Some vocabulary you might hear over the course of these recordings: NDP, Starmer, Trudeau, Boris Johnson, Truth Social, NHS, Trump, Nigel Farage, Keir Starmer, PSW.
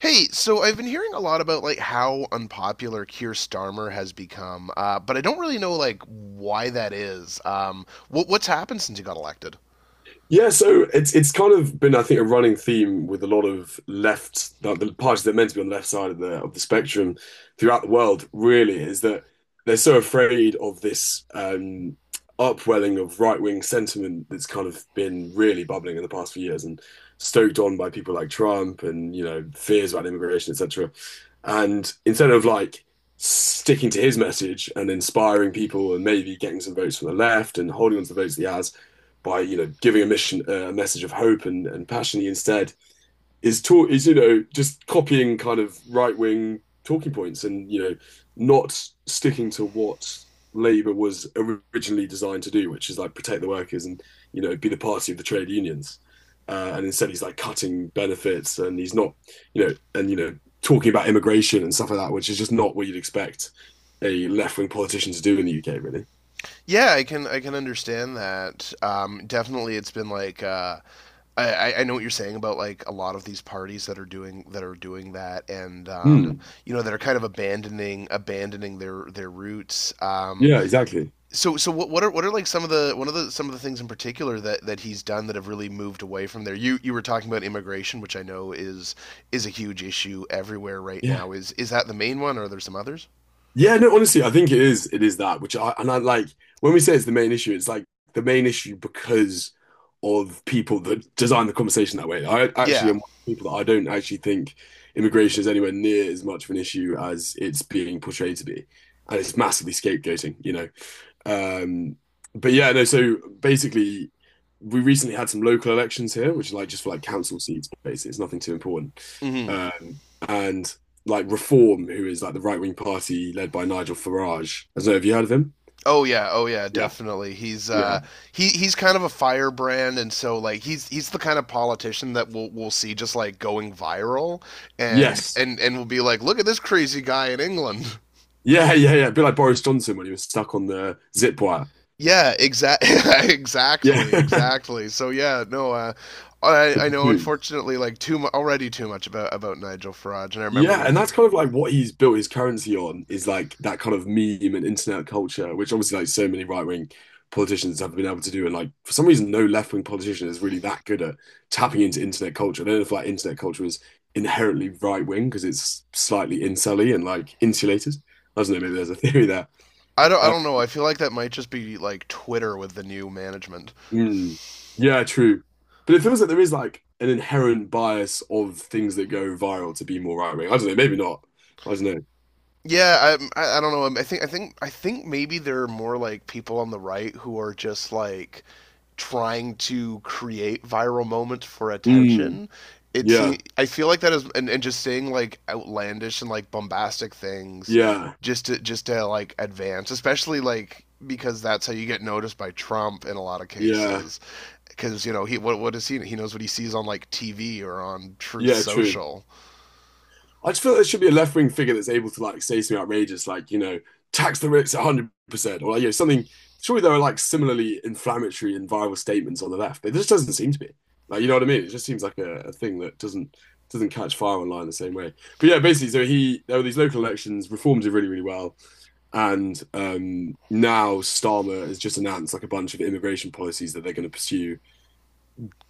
Hey, so I've been hearing a lot about like how unpopular Keir Starmer has become, but I don't really know like why that is. What's happened since he got elected? Yeah, so it's kind of been, I think, a running theme with a lot of left, like the parties that are meant to be on the left side of the spectrum throughout the world, really, is that they're so afraid of this upwelling of right-wing sentiment that's kind of been really bubbling in the past few years and stoked on by people like Trump and, you know, fears about immigration, etc. And instead of like sticking to his message and inspiring people and maybe getting some votes from the left and holding on to the votes that he has, by you know giving a mission a message of hope and passion instead is taught is you know just copying kind of right wing talking points and you know not sticking to what Labour was originally designed to do, which is like protect the workers and you know be the party of the trade unions. And instead, he's like cutting benefits, and he's not, you know, and you know, talking about immigration and stuff like that, which is just not what you'd expect a left wing politician to do in the UK, really. Yeah, I can understand that. Definitely, it's been like I know what you're saying about like a lot of these parties that are doing that, and Mm. That are kind of abandoning their roots. Yeah, exactly. So what are like some of the things in particular that he's done that have really moved away from there? You were talking about immigration, which I know is a huge issue everywhere right Yeah, now. Is that the main one or are there some others? yeah, no, honestly, I think it is. It is that, which I and I like when we say it's the main issue, it's like the main issue because of people that design the conversation that way. I actually Yeah. am one of the people that I don't actually think immigration is anywhere near as much of an issue as it's being portrayed to be. And it's massively scapegoating, you know. Um, but yeah, no, so basically we recently had some local elections here, which is like just for like council seats, basically. It's nothing too important. Hmm. Um, and like Reform, who is like the right wing party led by Nigel Farage. I don't know, have you heard of him? Oh yeah. Oh yeah. Yeah. Definitely. He's Yeah. uh he he's kind of a firebrand, and so like he's the kind of politician that we'll see just like going viral, and Yes. We'll be like, look at this crazy guy in England. Yeah, yeah, yeah. A bit like Boris Johnson when he was stuck on the zip wire. Yeah, exactly, Yeah. exactly, exactly. So yeah, no, I The I know. buffoon. Unfortunately, like already too much about Nigel Farage, and I remember Yeah, when and he. that's kind of like what he's built his currency on is like that kind of meme and internet culture, which obviously like so many right-wing politicians have been able to do. And like for some reason, no left-wing politician is really that good at tapping into internet culture. I don't know if like internet culture is inherently right-wing because it's slightly incelly and like insulated. I don't know, maybe there's a theory there. I don't I Um, don't know. I feel like that might just be like Twitter with the new management. mm, yeah, true. But it feels like there is like an inherent bias of things that go viral to be more right-wing. I don't know, maybe not. I don't know. Yeah, I don't know. I think maybe there are more like people on the right who are just like trying to create viral moments for Mm, attention. It yeah. seems I feel like that is and just saying like outlandish and like bombastic things Yeah. Just to like advance, especially like because that's how you get noticed by Trump in a lot of Yeah, cases. Because you know he knows what he sees on like TV or on Truth yeah, true. Social. I just feel there should be a left wing figure that's able to like say something outrageous, like you know, tax the rich 100%, or like, you know, something. Surely there are like similarly inflammatory and viral statements on the left, but it just doesn't seem to be. Like, you know what I mean? It just seems like a thing that doesn't catch fire online the same way. But yeah, basically, so he there were these local elections, reforms did really, really well, and now Starmer has just announced like a bunch of immigration policies that they're going to pursue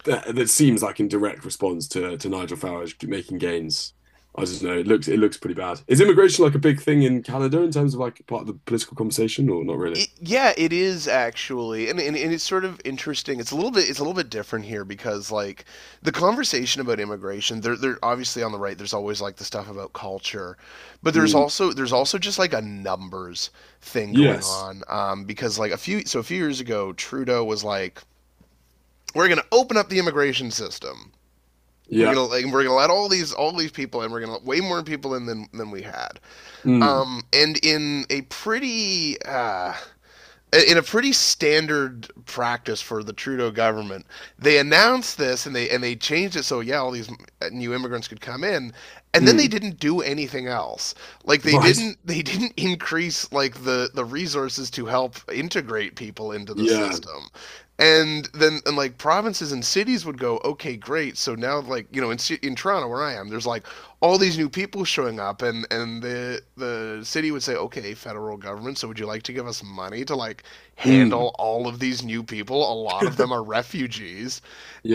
that, that seems like in direct response to Nigel Farage making gains. I just know it looks pretty bad. Is immigration like a big thing in Canada in terms of like part of the political conversation or not really? It, yeah, it is actually, and it's sort of interesting. It's a little bit it's a little bit different here because like the conversation about immigration, they're obviously on the right. There's always like the stuff about culture, but Mm. There's also just like a numbers thing going Yes. on, because like a few so a few years ago, Trudeau was like, we're gonna open up the immigration system. We're Yeah. gonna let all these people in. We're gonna let way more people in than we had. Mm. And in a pretty standard practice for the Trudeau government, they announced this and they changed it, so yeah, all these new immigrants could come in, and then they Mm. didn't do anything else. Like they Right. didn't they didn't increase like the resources to help inter integrate people into the Yeah. system, and then and like provinces and cities would go, okay, great, so now like, you know, in Toronto where I am, there's like all these new people showing up, and the city would say, okay, federal government, so would you like to give us money to like Mm. handle all of these new people? A lot of them are refugees,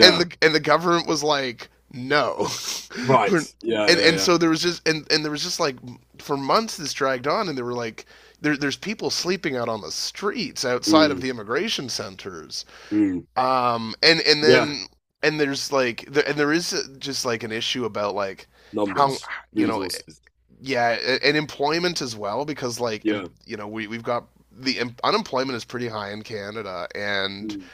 and the government was like, no. Right. Yeah. Yeah. and Yeah. So there was just and there was just like for months this dragged on, and they were like, there's people sleeping out on the streets outside of Mm. the immigration centers, Mm. And Yeah. then and there is just like an issue about like how, Numbers. you know. Resources. Yeah, and employment as well, because Yeah. you know, we we've got the unemployment is pretty high in Canada, and Mm.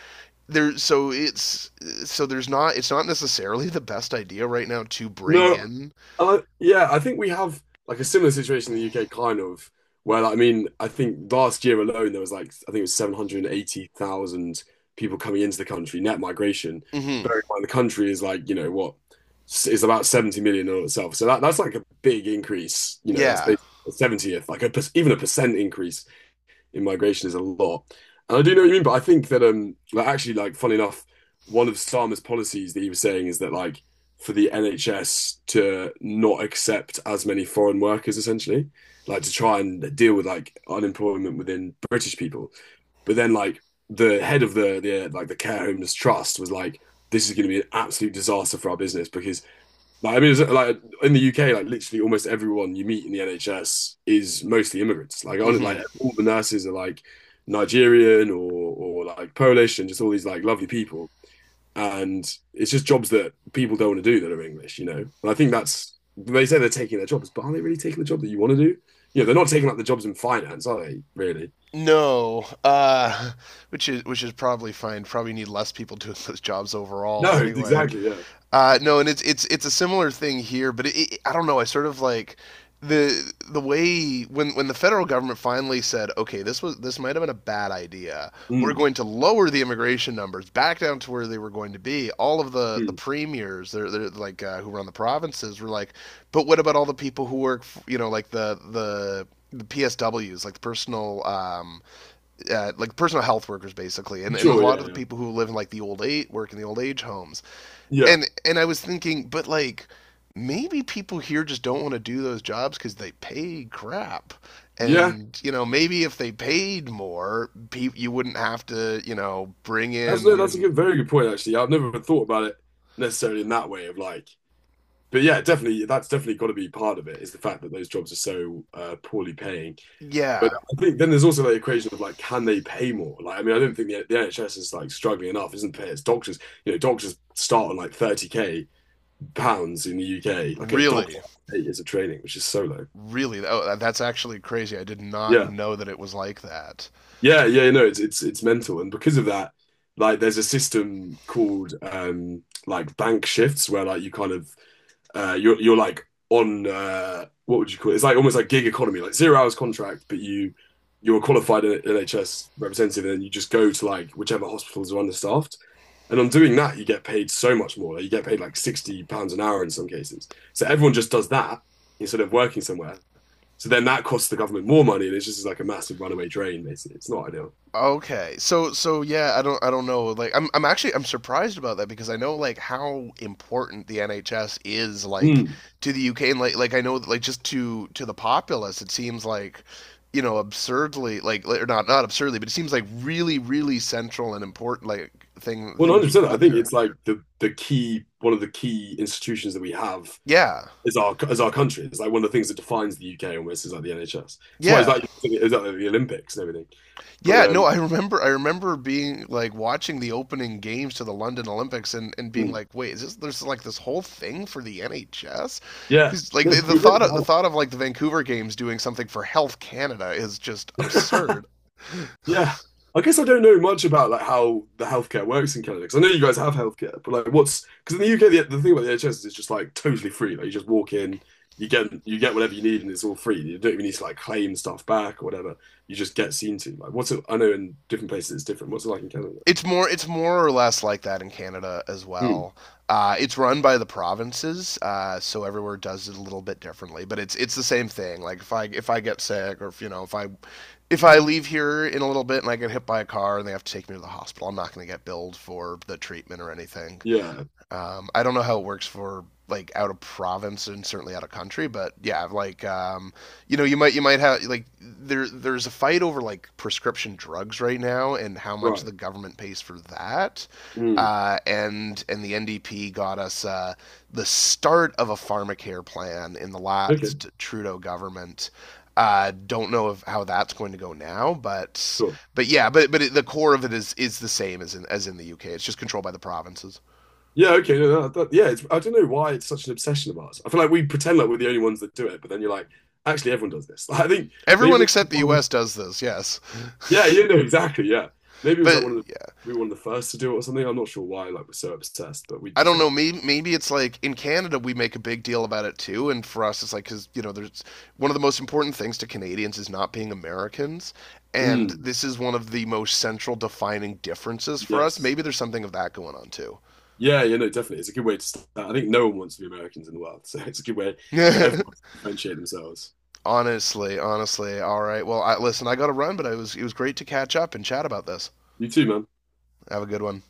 there so it's there's not, it's not necessarily the best idea right now to bring No, and in. I, like, yeah, I think we have like a similar situation in the UK, kind of, where like, I mean, I think last year alone there was like I think it was 780,000 people coming into the country, net migration. Mm-hmm Bearing in mind the country is like, you know, what s- is about 70 million in itself. So that, that's like a big increase, you know, that's yeah. basically a 70th, like a, per- even a percent increase in migration is a lot. And I do know what you mean, but I think that like actually like funny enough, one of Sama's policies that he was saying is that like for the NHS to not accept as many foreign workers essentially, like to try and deal with like unemployment within British people. But then like the head of the like the care homeless trust was like, this is going to be an absolute disaster for our business because like, I mean, it's like in the UK, like literally almost everyone you meet in the NHS is mostly immigrants. Like on mm-hmm like all the nurses are like Nigerian or like Polish and just all these like lovely people. And it's just jobs that people don't want to do that are English, you know. And I think that's they say they're taking their jobs, but are they really taking the job that you want to do? You know, they're not taking up the jobs in finance, are they, really? no. Which is probably fine, probably need less people doing those jobs overall No, anyway. exactly, yeah. No, and it's it's a similar thing here, but I don't know. I sort of like the way when the federal government finally said, okay, this was this might have been a bad idea. We're Mm, going to lower the immigration numbers back down to where they were going to be. All of the mm. premiers, they're like, who run the provinces, were like, but what about all the people who work, you know, like the PSWs, like the personal, like personal health workers, basically, and a Sure, lot yeah, of the yeah. people who live in like the old age, work in the old age homes, Yeah. And I was thinking, but like maybe people here just don't want to do those jobs because they pay crap. Yeah. And you know, maybe if they paid more, you wouldn't have to, you know, bring That's no, that's a in. good, very good point actually. I've never thought about it necessarily in that way of like, but yeah, definitely that's definitely got to be part of it is the fact that those jobs are so poorly paying. But Yeah, I think then there's also that equation of like, can they pay more? Like, I mean, I don't think the NHS is like struggling enough, isn't it? It's doctors, you know, doctors start on like 30K pounds in the UK. Like a doctor really, 8 years of training, which is so low. really. Oh, that's actually crazy. I did not Yeah, know that it was like that. yeah, yeah. No, it's mental, and because of that, like, there's a system called like bank shifts where like you kind of you're like on what would you call it? It's like almost like gig economy, like 0 hours contract, but you're a qualified NHS representative, and then you just go to like whichever hospitals are understaffed. And on doing that, you get paid so much more. Like, you get paid like £60 an hour in some cases. So everyone just does that instead of working somewhere. So then that costs the government more money, and it's just like a massive runaway drain. Basically, it's not ideal. Okay. So so yeah, I don't know. Like I'm actually I'm surprised about that, because I know like how important the NHS is, like Mm. to the UK, and I know that like just to the populace it seems like, you know, absurdly like- or not not absurdly, but it seems like really central and important, like Well, thing that 100 you've percent I got think there. it's like the key one of the key institutions that we have Yeah. is our as our country. It's like one of the things that defines the UK almost is like the NHS. That's why Yeah. It's like the Olympics and everything. But Yeah, no, um, I remember being like watching the opening games to the London Olympics and being hmm, like, "Wait, is this, there's like this whole thing for the NHS?" yeah, Cuz like no, we really the can. thought of like the Vancouver games doing something for Health Canada, is just absurd. Yeah. I guess I don't know much about like how the healthcare works in Canada because I know you guys have healthcare, but like what's because in the UK the thing about the NHS is it's just like totally free. Like you just walk in, you get whatever you need, and it's all free. You don't even need to like claim stuff back or whatever. You just get seen to. Like what's it? I know in different places it's different. What's it like in Canada? It's more or less like that in Canada as Hmm. well. It's run by the provinces, so everywhere does it a little bit differently, but it's the same thing. Like if I get sick, or if you know, if I leave here in a little bit and I get hit by a car and they have to take me to the hospital, I'm not going to get billed for the treatment or anything. Yeah. I don't know how it works for like out of province and certainly out of country, but yeah, you know, you might have like, there's a fight over like prescription drugs right now and how much Right. the government pays for that. Hmm. And The NDP got us the start of a pharmacare plan in the Okay. last Trudeau government. Don't know of how that's going to go now, but Sure. but yeah, but it, the core of it is the same as in the UK. It's just controlled by the provinces. Yeah. Okay. No, that, that- yeah. It's, I don't know why it's such an obsession of ours. I feel like we pretend like we're the only ones that do it, but then you're like, actually, everyone does this. I think Everyone maybe except the one of the, U.S. does this, yes. yeah, you know, exactly. Yeah. Maybe it was But like one of the, we were one of the first to do it or something. I'm not sure why, like, we're so obsessed, but we I just don't know. are. Maybe it's like in Canada we make a big deal about it too, and for us it's like because you know there's one of the most important things to Canadians is not being Americans, and Mm, this is one of the most central defining differences for us. yes. Maybe there's something of that going on too. Yeah. Yeah. No, definitely. It's a good way to start. I think no one wants to be Americans in the world. So it's a good way for everyone to differentiate themselves. Honestly, honestly. All right. Well, I, listen, I got to run, but it was great to catch up and chat about this. You too, man. Have a good one.